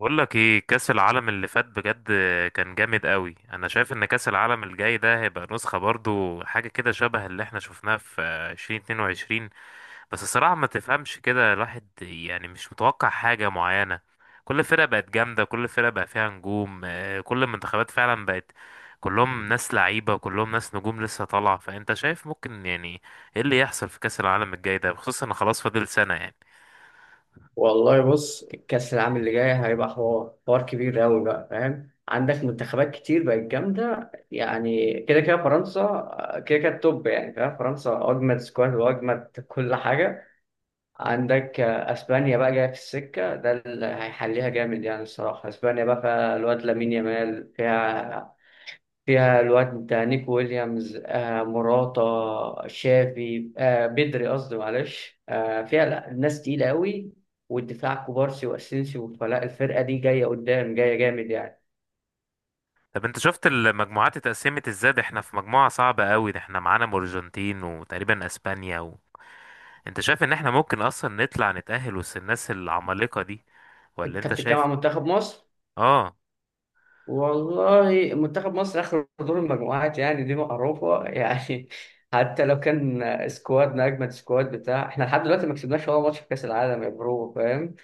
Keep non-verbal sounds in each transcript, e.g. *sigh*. بقول لك ايه، كأس العالم اللي فات بجد كان جامد قوي. انا شايف ان كأس العالم الجاي ده هيبقى نسخة برضو حاجة كده شبه اللي احنا شفناها في 2022. بس الصراحة ما تفهمش، كده الواحد يعني مش متوقع حاجة معينة. كل فرقة بقت جامدة، كل فرقة بقى فيها نجوم، كل المنتخبات فعلا بقت كلهم ناس لعيبة، كلهم ناس نجوم لسه طالعة. فانت شايف ممكن يعني ايه اللي يحصل في كأس العالم الجاي ده، خصوصا ان خلاص فاضل سنة يعني. والله بص الكأس العام اللي جاي هيبقى حوار كبير أوي بقى فاهم. عندك منتخبات كتير بقت جامدة يعني كده كده فرنسا، كده كده التوب يعني فاهم. فرنسا أجمد سكواد وأجمد كل حاجة. عندك أسبانيا بقى جاية في السكة، ده اللي هيحليها جامد يعني الصراحة. أسبانيا بقى فيها الواد لامين يامال، فيها الواد نيك ويليامز مراتا شافي بدري، قصدي معلش. فيها لا ناس تقيلة قوي، والدفاع كوبارسي واسينسيو، فلا الفرقة دي جاية قدام جاية جامد يعني. طب انت شفت المجموعات اتقسمت ازاي؟ ده احنا في مجموعة صعبة قوي، ده احنا معانا الارجنتين وتقريبا اسبانيا و... انت شايف ان احنا ممكن اصلا نطلع نتأهل وسط الناس العمالقة دي ولا انت انت بتتكلم شايف؟ عن منتخب مصر. اه. والله منتخب مصر اخر دور المجموعات، يعني دي معروفة يعني *laughs* حتى لو كان سكوادنا اجمد سكواد بتاع احنا، لحد دلوقتي ما كسبناش ولا ماتش في كاس العالم يا برو فاهم.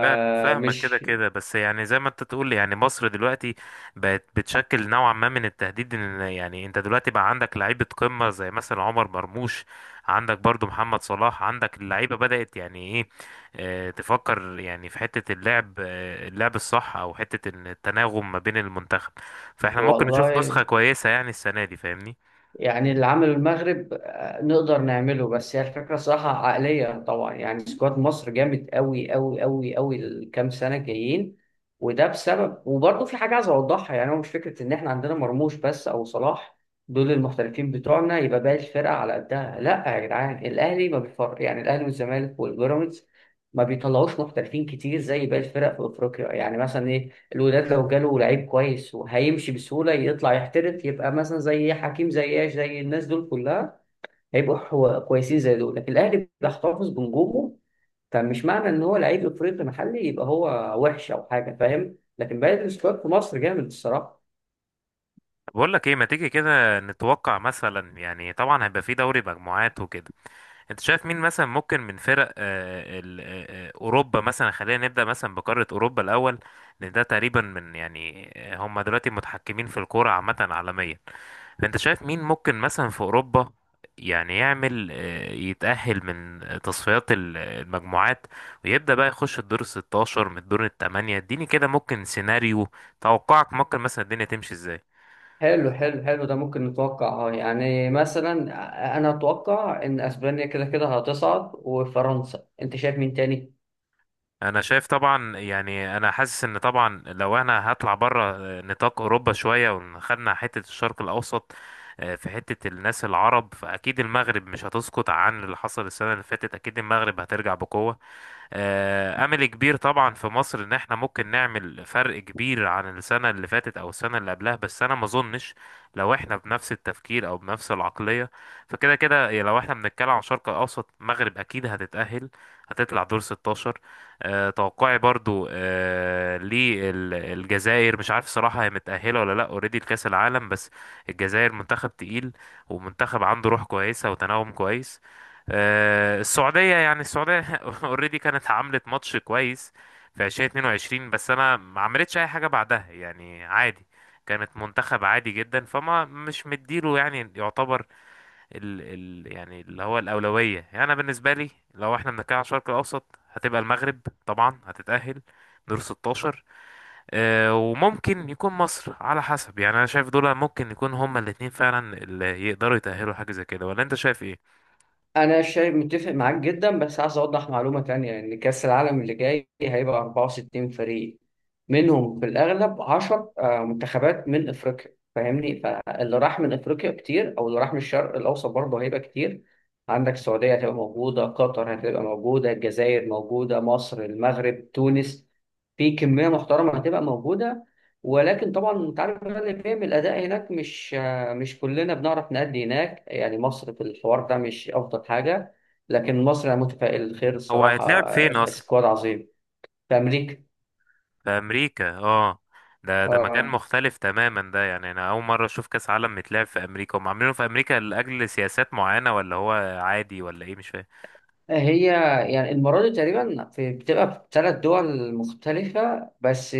فا- فاهمك كده كده، بس يعني زي ما انت تقول يعني مصر دلوقتي بقت بتشكل نوعا ما من التهديد، ان يعني انت دلوقتي بقى عندك لعيبة قمة زي مثلا عمر مرموش، عندك برضو محمد صلاح، عندك اللعيبة بدأت يعني ايه، اه تفكر يعني في حتة اللعب، اللعب الصح، او حتة ان التناغم ما بين المنتخب. فاحنا ممكن نشوف نسخة والله كويسة يعني السنة دي، فاهمني. يعني اللي عمله المغرب، نقدر نعمله. بس هي الفكرة صراحة عقلية. طبعا يعني سكواد مصر جامد قوي قوي قوي قوي الكام سنة جايين. وده بسبب، وبرضه في حاجة عايز أوضحها. يعني هو مش فكرة إن إحنا عندنا مرموش بس أو صلاح، دول المحترفين بتوعنا، يبقى باقي الفرقة على قدها. لا يا جدعان، الأهلي ما بيفرق يعني. الأهلي والزمالك والبيراميدز ما بيطلعوش محترفين كتير زي باقي الفرق في أفريقيا. يعني مثلا إيه، الوداد لو جاله لعيب كويس وهيمشي بسهولة يطلع يحترف، يبقى مثلا زي حكيم زي ايش زي الناس دول كلها هيبقوا كويسين زي دول. لكن الأهلي بيحتفظ بنجومه. فمش معنى إن هو لعيب إفريقي محلي يبقى هو وحش أو حاجة فاهم. لكن باقي السكواد في مصر جامد الصراحة. بقول لك ايه، ما تيجي كده نتوقع مثلا، يعني طبعا هيبقى في دوري مجموعات وكده. انت شايف مين مثلا ممكن من فرق، اوروبا مثلا؟ خلينا نبدا مثلا بقاره اوروبا الاول، لان ده تقريبا من يعني، هم دلوقتي متحكمين في الكوره عامه عالميا. فانت شايف مين ممكن مثلا في اوروبا يعني يعمل، يتاهل من تصفيات المجموعات، ويبدا بقى يخش الدور ال 16 من الدور الثمانيه. اديني كده ممكن سيناريو توقعك، ممكن مثلا الدنيا تمشي ازاي. حلو حلو حلو، ده ممكن نتوقع اه يعني. مثلا أنا أتوقع إن أسبانيا كده كده هتصعد وفرنسا. أنت شايف مين تاني؟ انا شايف طبعا يعني، انا حاسس ان طبعا لو انا هطلع بره نطاق اوروبا شويه وخدنا حته الشرق الاوسط، في حته الناس العرب، فاكيد المغرب مش هتسقط عن اللي حصل السنه اللي فاتت، اكيد المغرب هترجع بقوه. امل كبير طبعا في مصر ان احنا ممكن نعمل فرق كبير عن السنه اللي فاتت او السنه اللي قبلها، بس انا ما اظنش لو احنا بنفس التفكير او بنفس العقليه. فكده كده، يا لو احنا بنتكلم عن شرق الاوسط، المغرب اكيد هتتاهل هتطلع دور 16. توقعي برضو للجزائر. مش عارف صراحه هي متاهله ولا لا اوريدي لكاس العالم، بس الجزائر منتخب تقيل، ومنتخب عنده روح كويسه وتناغم كويس. السعودية، يعني السعودية *laughs* اوريدي كانت عملت ماتش كويس في 2022، بس انا ما عملتش اي حاجة بعدها يعني عادي، كانت منتخب عادي جدا. فما مش مديله يعني، يعتبر ال يعني اللي هو الأولوية. يعني انا بالنسبة لي لو احنا بنتكلم على الشرق الاوسط، هتبقى المغرب طبعا هتتأهل دور 16، وممكن يكون مصر على حسب. يعني انا شايف دول ممكن يكون هما الاتنين فعلا اللي يقدروا يتأهلوا، حاجة زي كده. ولا انت شايف ايه؟ انا شايف متفق معاك جدا. بس عايز اوضح معلومه تانية، ان كاس العالم اللي جاي هيبقى 64 فريق، منهم في الاغلب 10 منتخبات من افريقيا فاهمني. فاللي راح من افريقيا كتير او اللي راح من الشرق الاوسط برضه هيبقى كتير. عندك السعوديه هتبقى موجوده، قطر هتبقى موجوده، الجزائر موجوده، مصر، المغرب، تونس، في كميه محترمه هتبقى موجوده. ولكن طبعا انت عارف بقى اللي بيعمل الاداء هناك، مش كلنا بنعرف نأدي هناك يعني. مصر في الحوار ده مش أفضل حاجة، لكن مصر أنا متفائل خير هو الصراحة. هيتلعب فين؟ سكواد عظيم. في أمريكا. في امريكا؟ اه. ده مكان آه، مختلف تماما، ده يعني انا اول مره اشوف كاس عالم متلعب في امريكا. هم عاملينه في امريكا لاجل سياسات معينه، ولا هو عادي ولا ايه، مش فاهم. هي يعني المرة دي تقريبا في بتبقى في ثلاث دول مختلفة بس.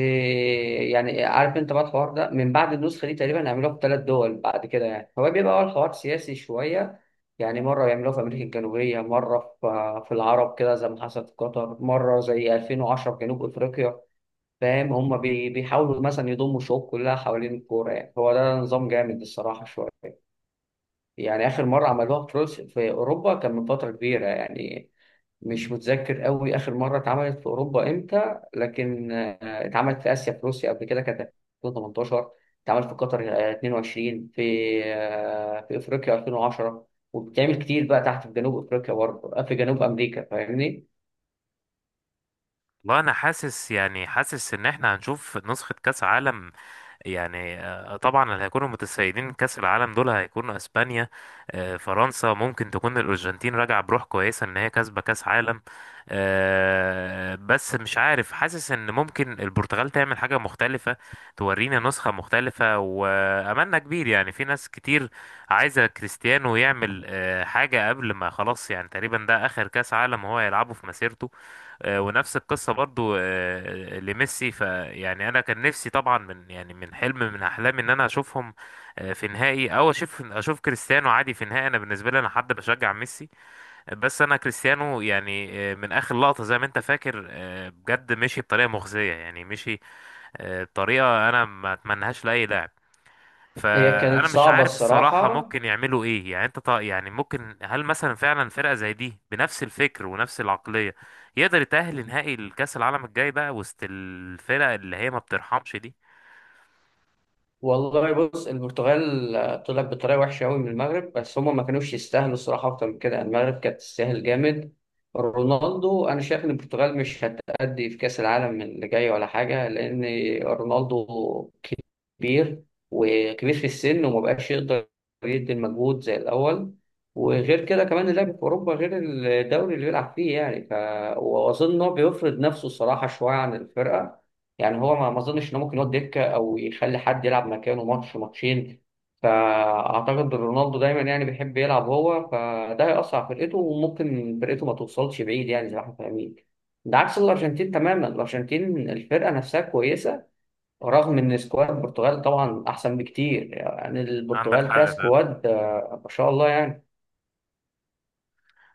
يعني عارف أنت بقى الحوار ده من بعد النسخة دي تقريبا هيعملوها في ثلاث دول بعد كده. يعني هو بيبقى أول حوار سياسي شوية. يعني مرة يعملوها في أمريكا الجنوبية، مرة في في العرب كده زي ما حصل في قطر، مرة زي 2010 في جنوب أفريقيا فاهم. هم بيحاولوا مثلا يضموا الشعوب كلها حوالين الكورة. يعني هو ده نظام جامد الصراحة شوية. يعني آخر مرة عملوها في روسيا في أوروبا كان من فترة كبيرة يعني. مش متذكر قوي آخر مرة اتعملت في أوروبا إمتى، لكن اتعملت في آسيا، في روسيا قبل كده كانت 2018. اتعملت في قطر 22، في في أفريقيا 2010. وبتعمل كتير بقى تحت في جنوب أفريقيا برضه، في جنوب أمريكا فاهمني. والله انا حاسس يعني حاسس ان احنا هنشوف نسخه كاس عالم، يعني طبعا اللي هيكونوا متسيدين كأس العالم دول هيكونوا اسبانيا، فرنسا. ممكن تكون الارجنتين راجعه بروح كويسه ان هي كسبه كأس عالم. بس مش عارف، حاسس ان ممكن البرتغال تعمل حاجه مختلفه، تورينا نسخه مختلفه. واملنا كبير يعني في ناس كتير عايزه كريستيانو يعمل حاجه قبل ما خلاص، يعني تقريبا ده اخر كأس عالم هو هيلعبه في مسيرته. ونفس القصة برضو لميسي. فيعني أنا كان نفسي طبعا من يعني من حلم من أحلامي إن أنا أشوفهم في نهائي، أو أشوف كريستيانو عادي في نهائي. أنا بالنسبة لي أنا حد بشجع ميسي، بس أنا كريستيانو يعني من آخر لقطة زي ما أنت فاكر، بجد مشي بطريقة مخزية، يعني مشي بطريقة أنا ما أتمنهاش لأي لاعب. هي كانت فانا مش صعبة عارف الصراحه الصراحة. ممكن يعملوا ايه، يعني انت يعني ممكن، هل مثلا فعلا فرقه زي دي بنفس الفكر ونفس العقليه يقدر يتاهل لنهائي الكاس العالم الجاي بقى وسط الفرق اللي هي ما بترحمش دي؟ والله بص، البرتغال طلعت بطريقه وحشه قوي من المغرب، بس هم ما كانوش يستاهلوا الصراحه اكتر من كده يعني. المغرب كانت تستاهل جامد. رونالدو، انا شايف ان البرتغال مش هتأدي في كاس العالم اللي جاي ولا حاجه، لان رونالدو كبير، وكبير في السن، وما بقاش يقدر يدي المجهود زي الأول. وغير كده كمان اللعب في أوروبا غير الدوري اللي بيلعب فيه يعني وأظن إن هو بيفرض نفسه الصراحة شوية عن الفرقة. يعني هو ما أظنش إنه ممكن يقعد دكة أو يخلي حد يلعب مكانه ماتش ماتشين. فأعتقد رونالدو دايما يعني بيحب يلعب هو، فده هيأثر على فرقته وممكن فرقته ما توصلش بعيد يعني زي ما احنا فاهمين. ده عكس الأرجنتين تماما. الأرجنتين الفرقة نفسها كويسة، رغم ان سكواد البرتغال طبعا احسن بكتير. يعني عندك حق البرتغال فيها فعلا. سكواد، ما شاء الله يعني.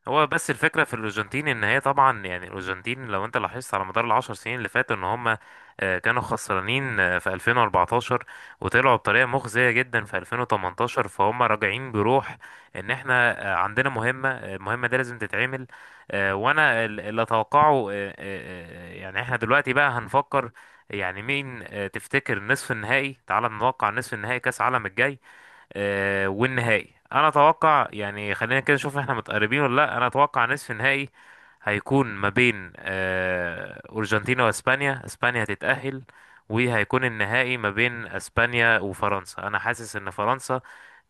هو بس الفكرة في الأرجنتين إن هي طبعا يعني الأرجنتين، لو أنت لاحظت على مدار الـ 10 سنين اللي فاتوا إن هما كانوا خسرانين في 2014، وطلعوا بطريقة مخزية جدا في 2018. فهم راجعين بروح إن إحنا عندنا مهمة، المهمة دي لازم تتعمل. وأنا اللي أتوقعه، يعني إحنا دلوقتي بقى هنفكر يعني مين، تفتكر نصف النهائي؟ تعال نتوقع نصف النهائي كأس العالم الجاي والنهائي. انا اتوقع يعني، خلينا كده نشوف احنا متقربين ولا لا. انا اتوقع نصف النهائي هيكون ما بين ارجنتينا واسبانيا. اسبانيا هتتأهل، وهيكون النهائي ما بين اسبانيا وفرنسا. انا حاسس ان فرنسا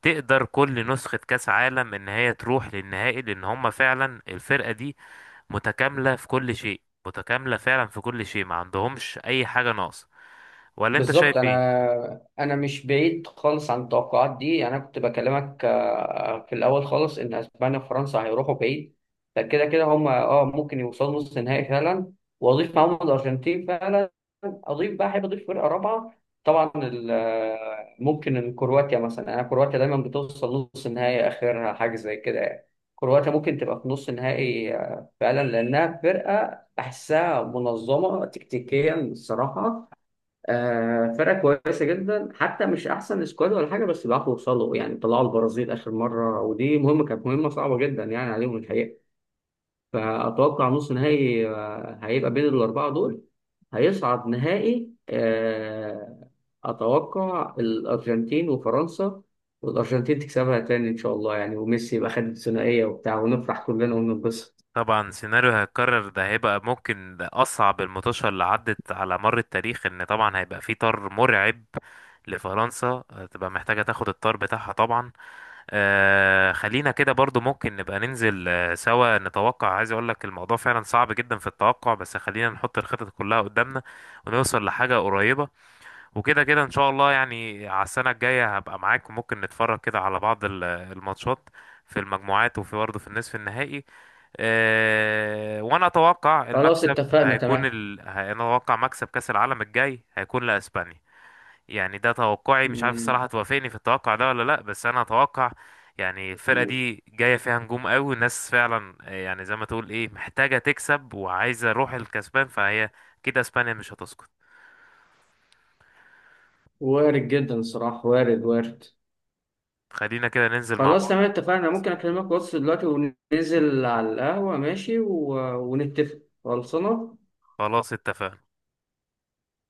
تقدر كل نسخة كأس عالم ان هي تروح للنهائي، لان هم فعلا الفرقة دي متكاملة في كل شيء، متكاملة فعلا في كل شيء، ما عندهمش اي حاجة ناقصة. ولا انت شايف بالظبط، ايه؟ انا مش بعيد خالص عن التوقعات دي. يعني انا كنت بكلمك في الاول خالص ان اسبانيا وفرنسا هيروحوا بعيد. فكده كده هم اه ممكن يوصلوا نص نهائي فعلا. واضيف معاهم الارجنتين فعلا. اضيف بقى، احب اضيف فرقه رابعه. طبعا ممكن إن كرواتيا مثلا. انا كرواتيا دايما بتوصل نص نهائي اخرها حاجه زي كده يعني. كرواتيا ممكن تبقى في نص نهائي فعلا، لانها فرقه بحسها منظمه تكتيكيا الصراحه. فرقة كويسة جدا، حتى مش أحسن سكواد ولا حاجة، بس بيعرفوا يوصلوا يعني. طلعوا البرازيل آخر مرة، ودي مهمة، كانت مهمة صعبة جدا يعني عليهم الحقيقة. فأتوقع نص نهائي هيبقى بين الأربعة دول. هيصعد نهائي، أتوقع الأرجنتين وفرنسا. والأرجنتين تكسبها تاني إن شاء الله يعني، وميسي يبقى خد الثنائية وبتاع، ونفرح كلنا وننبسط. طبعا سيناريو هيتكرر ده هيبقى ممكن ده أصعب المطاشة اللي عدت على مر التاريخ. إن طبعا هيبقى في طار مرعب لفرنسا، تبقى محتاجة تاخد الطار بتاعها طبعا. آه، خلينا كده برضو ممكن نبقى ننزل سوا نتوقع. عايز أقولك الموضوع فعلا صعب جدا في التوقع، بس خلينا نحط الخطط كلها قدامنا ونوصل لحاجة قريبة. وكده كده ان شاء الله يعني، على السنه الجايه هبقى معاك وممكن نتفرج كده على بعض الماتشات في المجموعات، وفي برضه في النصف النهائي. وانا اتوقع خلاص المكسب اتفقنا هيكون تمام. انا اتوقع مكسب كاس العالم الجاي هيكون لاسبانيا. يعني ده توقعي، مش عارف مم. الصراحه توافقني في التوقع ده ولا لا، بس انا اتوقع يعني الفرقه دي جايه فيها نجوم قوي. الناس فعلا يعني زي ما تقول ايه، محتاجه تكسب وعايزه روح الكسبان، فهي كده اسبانيا مش هتسقط. وارد جدا الصراحة، وارد وارد. خلينا كده ننزل مع خلاص بعض. تمام اتفقنا. ممكن اكلمك واتس دلوقتي وننزل على القهوة ماشي ونتفق. خلصنا. خلاص اتفقنا.